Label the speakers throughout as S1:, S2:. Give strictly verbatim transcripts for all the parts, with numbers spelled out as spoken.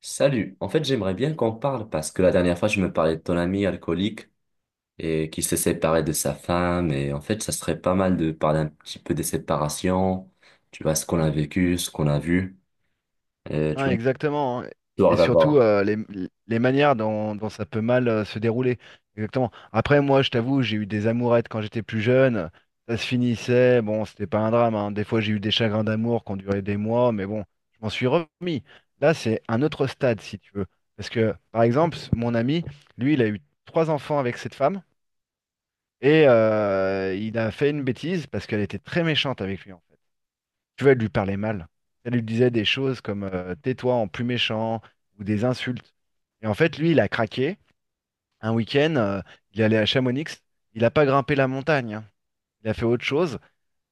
S1: Salut, en fait j'aimerais bien qu'on parle parce que la dernière fois je me parlais de ton ami alcoolique et qui s'est séparé de sa femme, et en fait ça serait pas mal de parler un petit peu des séparations, tu vois, ce qu'on a vécu, ce qu'on a vu, euh, tu
S2: Ah,
S1: vois,
S2: exactement. Hein. Et
S1: histoire
S2: surtout,
S1: d'abord.
S2: euh, les, les manières dont, dont ça peut mal euh, se dérouler. Exactement. Après, moi, je t'avoue, j'ai eu des amourettes quand j'étais plus jeune. Ça se finissait. Bon, c'était pas un drame. Hein. Des fois, j'ai eu des chagrins d'amour qui ont duré des mois, mais bon, je m'en suis remis. Là, c'est un autre stade, si tu veux. Parce que, par exemple, mon ami, lui, il a eu trois enfants avec cette femme et euh, il a fait une bêtise parce qu'elle était très méchante avec lui. Tu vois, elle lui parlait mal. Elle lui disait des choses comme euh, tais-toi en plus méchant ou des insultes. Et en fait, lui, il a craqué. Un week-end, euh, il est allé à Chamonix. Il n'a pas grimpé la montagne. Hein. Il a fait autre chose.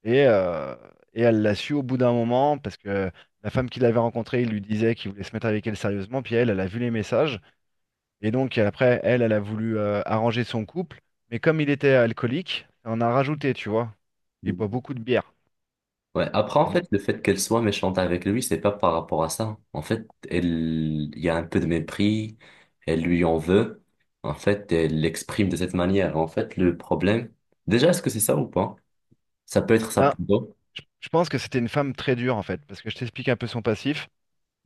S2: Et, euh, et elle l'a su au bout d'un moment parce que la femme qu'il avait rencontrée, il lui disait qu'il voulait se mettre avec elle sérieusement. Puis elle, elle a vu les messages. Et donc, après, elle, elle a voulu euh, arranger son couple. Mais comme il était alcoolique, on a rajouté, tu vois. Il boit beaucoup de bière.
S1: Ouais, après en
S2: Et,
S1: fait le fait qu'elle soit méchante avec lui, c'est pas par rapport à ça. En fait elle, il y a un peu de mépris, elle lui en veut, en fait elle l'exprime de cette manière. En fait le problème, déjà, est-ce que c'est ça ou pas? Ça peut être ça
S2: ben,
S1: pour toi.
S2: Je, je pense que c'était une femme très dure en fait, parce que je t'explique un peu son passif.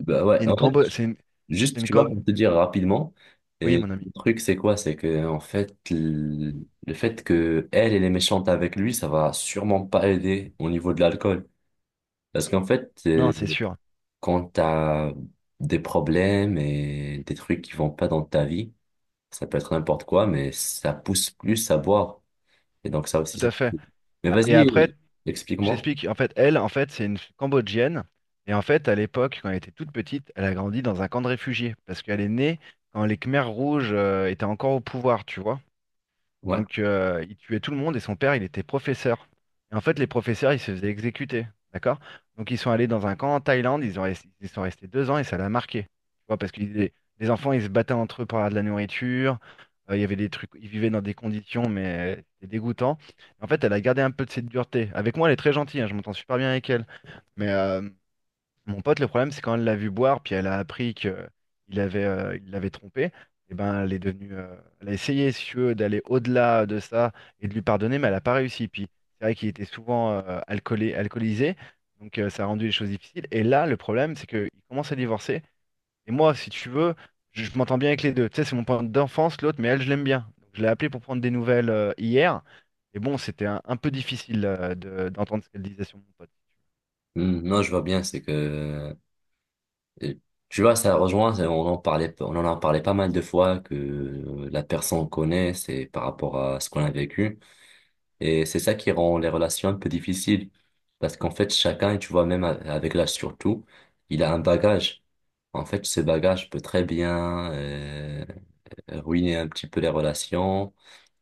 S1: Bah ouais,
S2: C'est une
S1: en fait.
S2: cambo, c'est une, c'est
S1: Juste,
S2: une
S1: tu vois,
S2: Cam-
S1: pour te dire rapidement,
S2: Oui,
S1: et
S2: mon ami.
S1: le truc, c'est quoi? C'est que, en fait, le le fait que elle, elle est méchante avec lui, ça va sûrement pas aider au niveau de l'alcool. Parce qu'en fait, euh,
S2: Non, c'est sûr,
S1: quand t'as des problèmes et des trucs qui vont pas dans ta vie, ça peut être n'importe quoi, mais ça pousse plus à boire. Et donc, ça aussi,
S2: tout à
S1: c'est.
S2: fait.
S1: Mais
S2: Ah, et après,
S1: vas-y,
S2: je
S1: explique-moi.
S2: t'explique. En fait, elle, en fait, c'est une Cambodgienne. Et en fait, à l'époque, quand elle était toute petite, elle a grandi dans un camp de réfugiés, parce qu'elle est née quand les Khmers rouges euh, étaient encore au pouvoir, tu vois.
S1: Ouais.
S2: Donc, euh, il tuait tout le monde et son père, il était professeur. Et en fait, les professeurs, ils se faisaient exécuter. D'accord? Donc, ils sont allés dans un camp en Thaïlande, ils ont res- ils sont restés deux ans et ça l'a marqué. Tu vois, parce que les, les enfants, ils se battaient entre eux pour avoir de la nourriture. euh, il y avait des trucs, ils vivaient dans des conditions, mais c'était dégoûtant. En fait, elle a gardé un peu de cette dureté. Avec moi, elle est très gentille, hein, je m'entends super bien avec elle. Mais euh, mon pote, le problème, c'est quand elle l'a vu boire, puis elle a appris que euh, il avait, euh, il l'avait trompé, et ben, elle est devenue, euh, elle a essayé, si tu veux, d'aller au-delà de ça et de lui pardonner, mais elle n'a pas réussi. Puis c'est vrai qu'il était souvent euh, alcoolé, alcoolisé, donc euh, ça a rendu les choses difficiles. Et là, le problème, c'est qu'il commence à divorcer. Et moi, si tu veux, je, je m'entends bien avec les deux. Tu sais, c'est mon point d'enfance, l'autre, mais elle, je l'aime bien. Donc, je l'ai appelée pour prendre des nouvelles euh, hier. Et bon, c'était un, un peu difficile euh, de- d'entendre ce qu'elle disait sur mon pote.
S1: Hmm. Non, je vois bien, c'est que Euh, tu vois, ça rejoint, c'est- on en parlait, on en a parlé pas mal de fois, que la personne connaît, c'est par rapport à ce qu'on a vécu. Et c'est ça qui rend les relations un peu difficiles. Parce qu'en fait, chacun, tu vois, même a- avec l'âge surtout, il a un bagage. En fait, ce bagage peut très bien euh, ruiner un petit peu les relations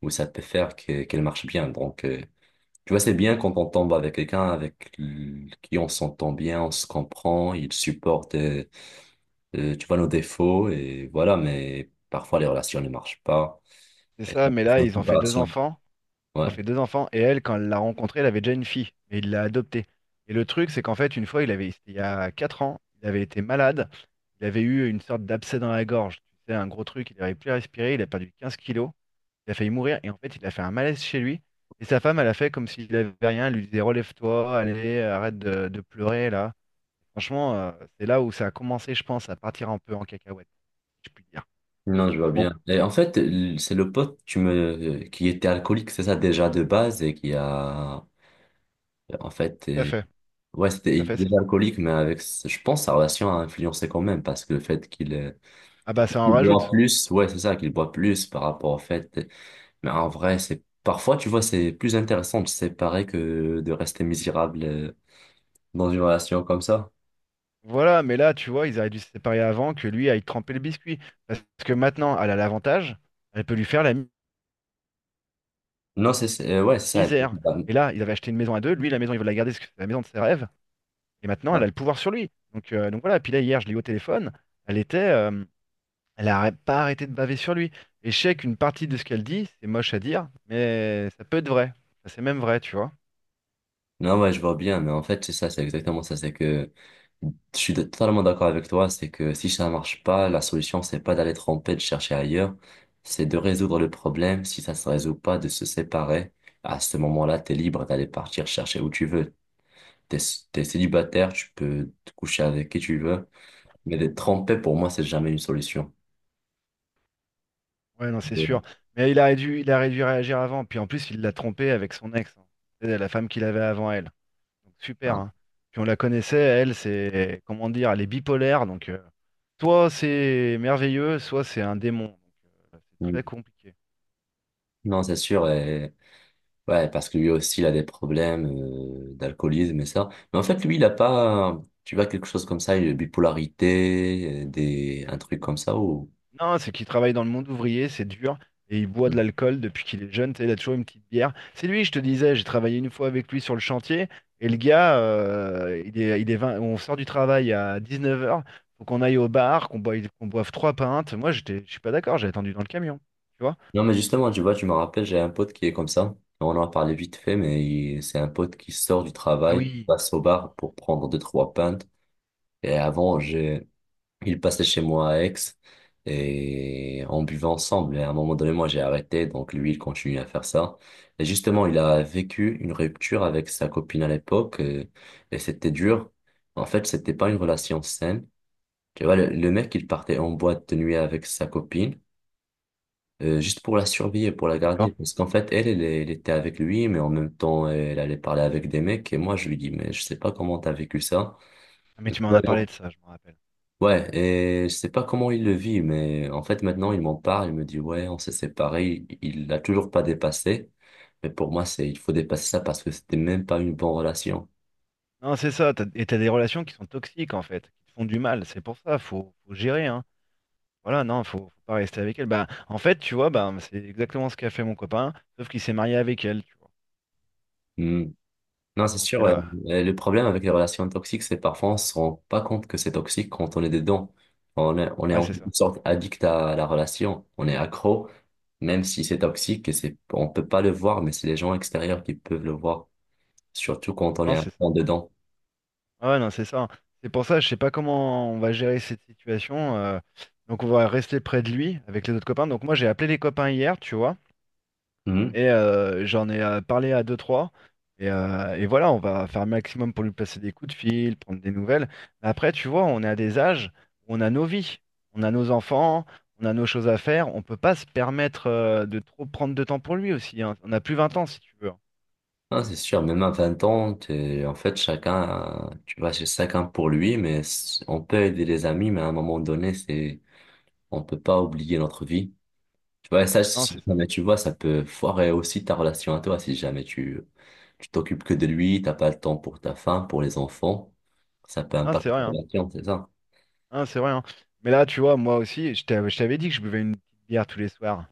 S1: ou ça peut faire que, qu'elles marchent bien. Donc, euh, tu vois, c'est bien quand on tombe avec quelqu'un avec l- qui on s'entend bien, on se comprend, il supporte euh, euh, tu vois nos défauts, et voilà, mais parfois les relations ne marchent pas.
S2: C'est
S1: Et
S2: ça,
S1: ça,
S2: mais là,
S1: c'est une
S2: ils ont fait deux
S1: préparation.
S2: enfants. Ils
S1: Ouais.
S2: ont fait deux enfants et elle, quand elle l'a rencontré, elle avait déjà une fille, mais il l'a adoptée. Et le truc, c'est qu'en fait, une fois, il avait, c'était il y a quatre ans, il avait été malade, il avait eu une sorte d'abcès dans la gorge, tu sais, un gros truc, il n'avait plus à respirer, il a perdu quinze kilos, il a failli mourir, et en fait, il a fait un malaise chez lui. Et sa femme, elle a fait comme s'il avait rien, elle lui disait, relève-toi, allez, arrête de, de pleurer, là. Franchement, euh, c'est là où ça a commencé, je pense, à partir un peu en cacahuète, si je puis dire.
S1: Non, je vois
S2: Bon,
S1: bien. Et en fait, l- c'est le pote tu me... euh, qui était alcoolique, c'est ça déjà de base, et qui a. En fait,
S2: tout à
S1: euh,
S2: fait,
S1: ouais, c'était
S2: tout à
S1: il
S2: fait,
S1: était
S2: c'est
S1: déjà
S2: ça.
S1: alcoolique, mais avec. ce- Je pense sa relation a influencé quand même, parce que le fait qu'il euh,
S2: Ah bah ça en
S1: qu'il boit
S2: rajoute.
S1: plus, ouais, c'est ça, qu'il boit plus par rapport au fait. Mais en vrai, c'est. Parfois, tu vois, c'est plus intéressant de se séparer que de rester misérable euh, dans une relation comme ça.
S2: Voilà, mais là, tu vois, ils auraient dû se séparer avant que lui aille tremper le biscuit. Parce que maintenant, elle a l'avantage, elle peut lui faire la mi-
S1: Non, c'est, c'est- euh, ouais, c'est ça,
S2: misère.
S1: exactement.
S2: Et là, ils avaient acheté une maison à deux, lui, la maison, il veut la garder parce que c'est la maison de ses rêves. Et maintenant,
S1: Ouais.
S2: elle a le pouvoir sur lui. Donc, euh, donc voilà, puis là, hier, je l'ai eu au téléphone, elle était, euh, elle a pas arrêté de baver sur lui. Et je sais qu'une partie de ce qu'elle dit, c'est moche à dire, mais ça peut être vrai. Ça, c'est même vrai, tu vois.
S1: Non, ouais, je vois bien, mais en fait, c'est ça, c'est exactement ça. C'est que je suis totalement d'accord avec toi. C'est que si ça marche pas, la solution, c'est pas d'aller tromper, de chercher ailleurs. C'est de résoudre le problème. Si ça se résout pas, de se séparer. À ce moment-là, t'es libre d'aller partir chercher où tu veux. T'es, t'es célibataire, tu peux te coucher avec qui tu veux. Mais d'être trompé, pour moi, c'est jamais une solution.
S2: Ouais, non, c'est sûr. Mais il aurait dû, il aurait dû réagir avant. Puis en plus, il l'a trompée avec son ex, hein. C'est la femme qu'il avait avant elle. Donc, super.
S1: Ah.
S2: Hein. Puis on la connaissait, elle, c'est, comment dire, elle est bipolaire. Donc, euh, soit c'est merveilleux, soit c'est un démon. Donc, euh, c'est
S1: Mm.
S2: très compliqué.
S1: Non, c'est sûr. Ouais, parce que lui aussi, il a des problèmes euh, d'alcoolisme et ça. Mais en fait, lui, il a pas, tu vois, quelque chose comme ça, une bipolarité, euh, des, un truc comme ça ou...
S2: Non, c'est qu'il travaille dans le monde ouvrier, c'est dur. Et il boit de
S1: Mm.
S2: l'alcool depuis qu'il est jeune. Tu sais, il a toujours une petite bière. C'est lui, je te disais, j'ai travaillé une fois avec lui sur le chantier. Et le gars, euh, il est, il est vingt, on sort du travail à dix-neuf heures. Faut qu'on aille au bar, qu'on boive, qu'on boive, trois pintes. Moi, j'étais, je suis pas d'accord, j'ai attendu dans le camion. Tu vois?
S1: Non, mais justement, tu vois, tu me rappelles, j'ai un pote qui est comme ça. On en a parlé vite fait, mais il- c'est un pote qui sort du
S2: Ah
S1: travail, qui
S2: oui,
S1: passe au bar pour prendre deux, trois pintes. Et avant, j'ai, il passait chez moi à Aix et on buvait ensemble. Et à un moment donné, moi, j'ai arrêté. Donc, lui, il continue à faire ça. Et justement, il a vécu une rupture avec sa copine à l'époque, euh, et c'était dur. En fait, c'était pas une relation saine. Tu vois, le, le mec, il partait en boîte de nuit avec sa copine euh, juste pour la survie, pour la garder.
S2: d'accord.
S1: Parce qu'en fait, elle, elle, elle était avec lui, mais en même temps, elle allait parler avec des mecs. Et moi, je lui dis, mais je sais pas comment t'as vécu ça.
S2: Ah, mais tu m'en as
S1: Voilà.
S2: parlé de ça, je m'en rappelle.
S1: Ouais, et je sais pas comment il le vit, mais en fait maintenant il m'en parle, il me dit ouais, on s'est séparés, il il l'a toujours pas dépassé, mais pour moi c'est il faut dépasser ça, parce que c'était même pas une bonne relation.
S2: Non, c'est ça. T'as- et t'as des relations qui sont toxiques, en fait, qui te font du mal. C'est pour ça, faut, faut gérer, hein. Voilà, non, faut, faut pas rester avec elle. Bah, en fait, tu vois, bah, c'est exactement ce qu'a fait mon copain, sauf qu'il s'est marié avec elle, tu vois.
S1: Hmm. Non, c'est
S2: Donc
S1: sûr,
S2: euh,
S1: ouais.
S2: là,
S1: Et le problème avec les relations toxiques, c'est parfois on se rend pas compte que c'est toxique quand on est dedans. On est, on est
S2: ouais,
S1: en
S2: c'est ça.
S1: quelque sorte addict à la relation, on est accro, même si c'est toxique, et c'est, on peut pas le voir, mais c'est les gens extérieurs qui peuvent le voir, surtout quand on
S2: Non,
S1: est à
S2: c'est ça.
S1: fond dedans.
S2: Ah ouais, non, c'est ça. C'est pour ça, je sais pas comment on va gérer cette situation. euh, donc on va rester près de lui avec les autres copains. Donc moi, j'ai appelé les copains hier, tu vois.
S1: Hmm.
S2: Et euh, j'en ai euh, parlé à deux, trois. Et, euh, et voilà, on va faire un maximum pour lui passer des coups de fil, prendre des nouvelles. Mais après, tu vois, on est à des âges où on a nos vies, on a nos enfants, on a nos choses à faire. On peut pas se permettre euh, de trop prendre de temps pour lui aussi. Hein. On a plus vingt ans, si tu veux. Hein.
S1: Ah c'est sûr, même à vingt ans, t'es- en fait, chacun, tu vas chez chacun pour lui, mais c- on peut aider les amis, mais à un moment donné, c'est, on peut pas oublier notre vie. Tu vois, et ça,
S2: Non, c'est
S1: si
S2: ça.
S1: jamais tu vois, ça peut foirer aussi ta relation à toi, si jamais tu, tu t'occupes que de lui, t'as pas le temps pour ta femme, pour les enfants, ça peut
S2: Non, c'est
S1: impacter ta
S2: vrai. Hein.
S1: relation, c'est ça.
S2: Non, c'est vrai. Hein. Mais là, tu vois, moi aussi, je t'avais je t'avais dit que je buvais une petite bière tous les soirs.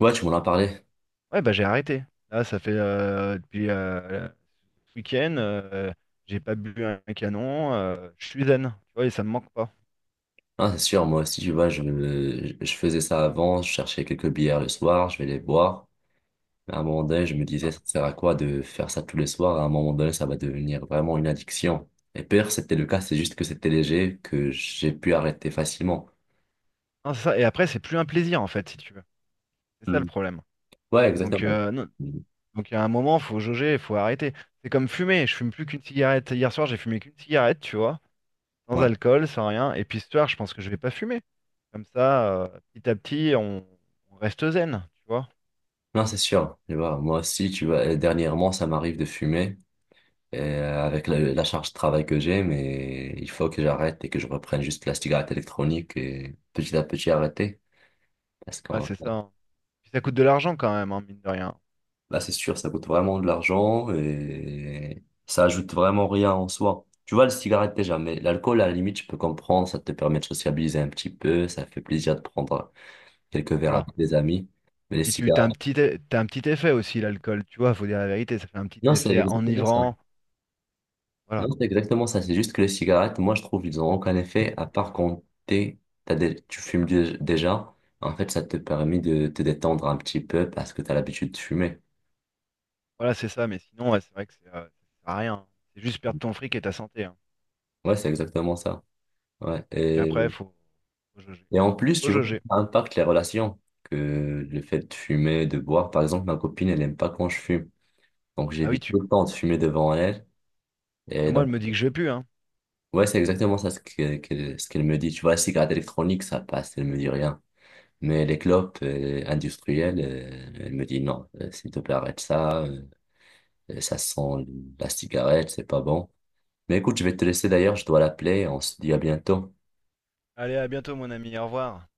S1: Ouais, tu m'en as parlé.
S2: Ouais, bah j'ai arrêté. Là, ça fait euh, depuis euh, ce week-end, euh, j'ai pas bu un canon, euh, je suis zen, tu vois, et ça me manque pas.
S1: Ah, c'est sûr, moi aussi, tu vois, je, je faisais ça avant, je cherchais quelques bières le soir, je vais les boire. À un moment donné, je me disais,
S2: Hein,
S1: ça sert à quoi de faire ça tous les soirs? À un moment donné, ça va devenir vraiment une addiction. Et pire, c'était le cas, c'est juste que c'était léger, que j'ai pu arrêter facilement.
S2: hein, c'est ça. Et après, c'est plus un plaisir, en fait, si tu veux. C'est ça le
S1: Mm.
S2: problème.
S1: Ouais,
S2: Donc,
S1: exactement.
S2: euh, non.
S1: Mm.
S2: Donc, il y a un moment, faut jauger, il faut arrêter. C'est comme fumer, je fume plus qu'une cigarette. Hier soir, j'ai fumé qu'une cigarette, tu vois, sans
S1: Ouais.
S2: alcool, sans rien. Et puis ce soir, je pense que je vais pas fumer. Comme ça, euh, petit à petit, on, on reste zen, tu vois.
S1: Non, c'est sûr. Tu vois, moi aussi, tu vois, euh, dernièrement, ça m'arrive de fumer et, euh, avec la, la charge de travail que j'ai, mais il faut que j'arrête et que je reprenne juste la cigarette électronique et petit à petit arrêter. Parce
S2: Ouais,
S1: qu'on
S2: c'est ça. Hein. Puis ça coûte de l'argent quand même, hein, mine de rien.
S1: Bah, c'est sûr, ça coûte vraiment de l'argent et ça ajoute vraiment rien en soi. Tu vois, le cigarette déjà, mais l'alcool, à la limite, je peux comprendre, ça te permet de sociabiliser un petit peu, ça fait plaisir de prendre quelques verres
S2: Voilà.
S1: avec des amis. Mais les
S2: Puis tu t'as un
S1: cigarettes,
S2: petit, e- t'as un petit effet aussi, l'alcool, tu vois, faut dire la vérité, ça fait un petit
S1: non, c'est
S2: effet
S1: exactement ça.
S2: enivrant.
S1: Non,
S2: Voilà,
S1: c'est exactement ça. C'est juste que les cigarettes, moi, je trouve, ils ont aucun effet, à part quand t'es, t'as des- tu fumes dé- déjà. En fait, ça te permet de te détendre un petit peu parce que t'as l'habitude de fumer.
S2: voilà, c'est ça, mais sinon, ouais, c'est vrai que c'est, euh, ça sert à rien. Hein. C'est juste perdre ton fric et ta santé. Hein.
S1: Ouais, c'est exactement ça. Ouais.
S2: Puis après, faut, faut jauger.
S1: Et en plus,
S2: Faut
S1: tu vois,
S2: jauger.
S1: ça impacte les relations. Que le fait de fumer, de boire, par exemple, ma copine, elle n'aime pas quand je fume. Donc,
S2: Bah oui,
S1: j'évite tout
S2: tu.
S1: le temps de fumer devant elle.
S2: Bah
S1: Et
S2: moi,
S1: donc,
S2: elle me dit que je vais plus, hein.
S1: ouais, c'est exactement ça ce que- que- ce qu'elle me dit. Tu vois, la cigarette électronique, ça passe, elle me dit rien. Mais les clopes euh, industrielles, euh, elle me dit non, euh, s'il te plaît, arrête ça. Euh, ça sent la cigarette, c'est pas bon. Mais écoute, je vais te laisser d'ailleurs, je dois l'appeler. On se dit à bientôt.
S2: Allez, à bientôt, mon ami, au revoir.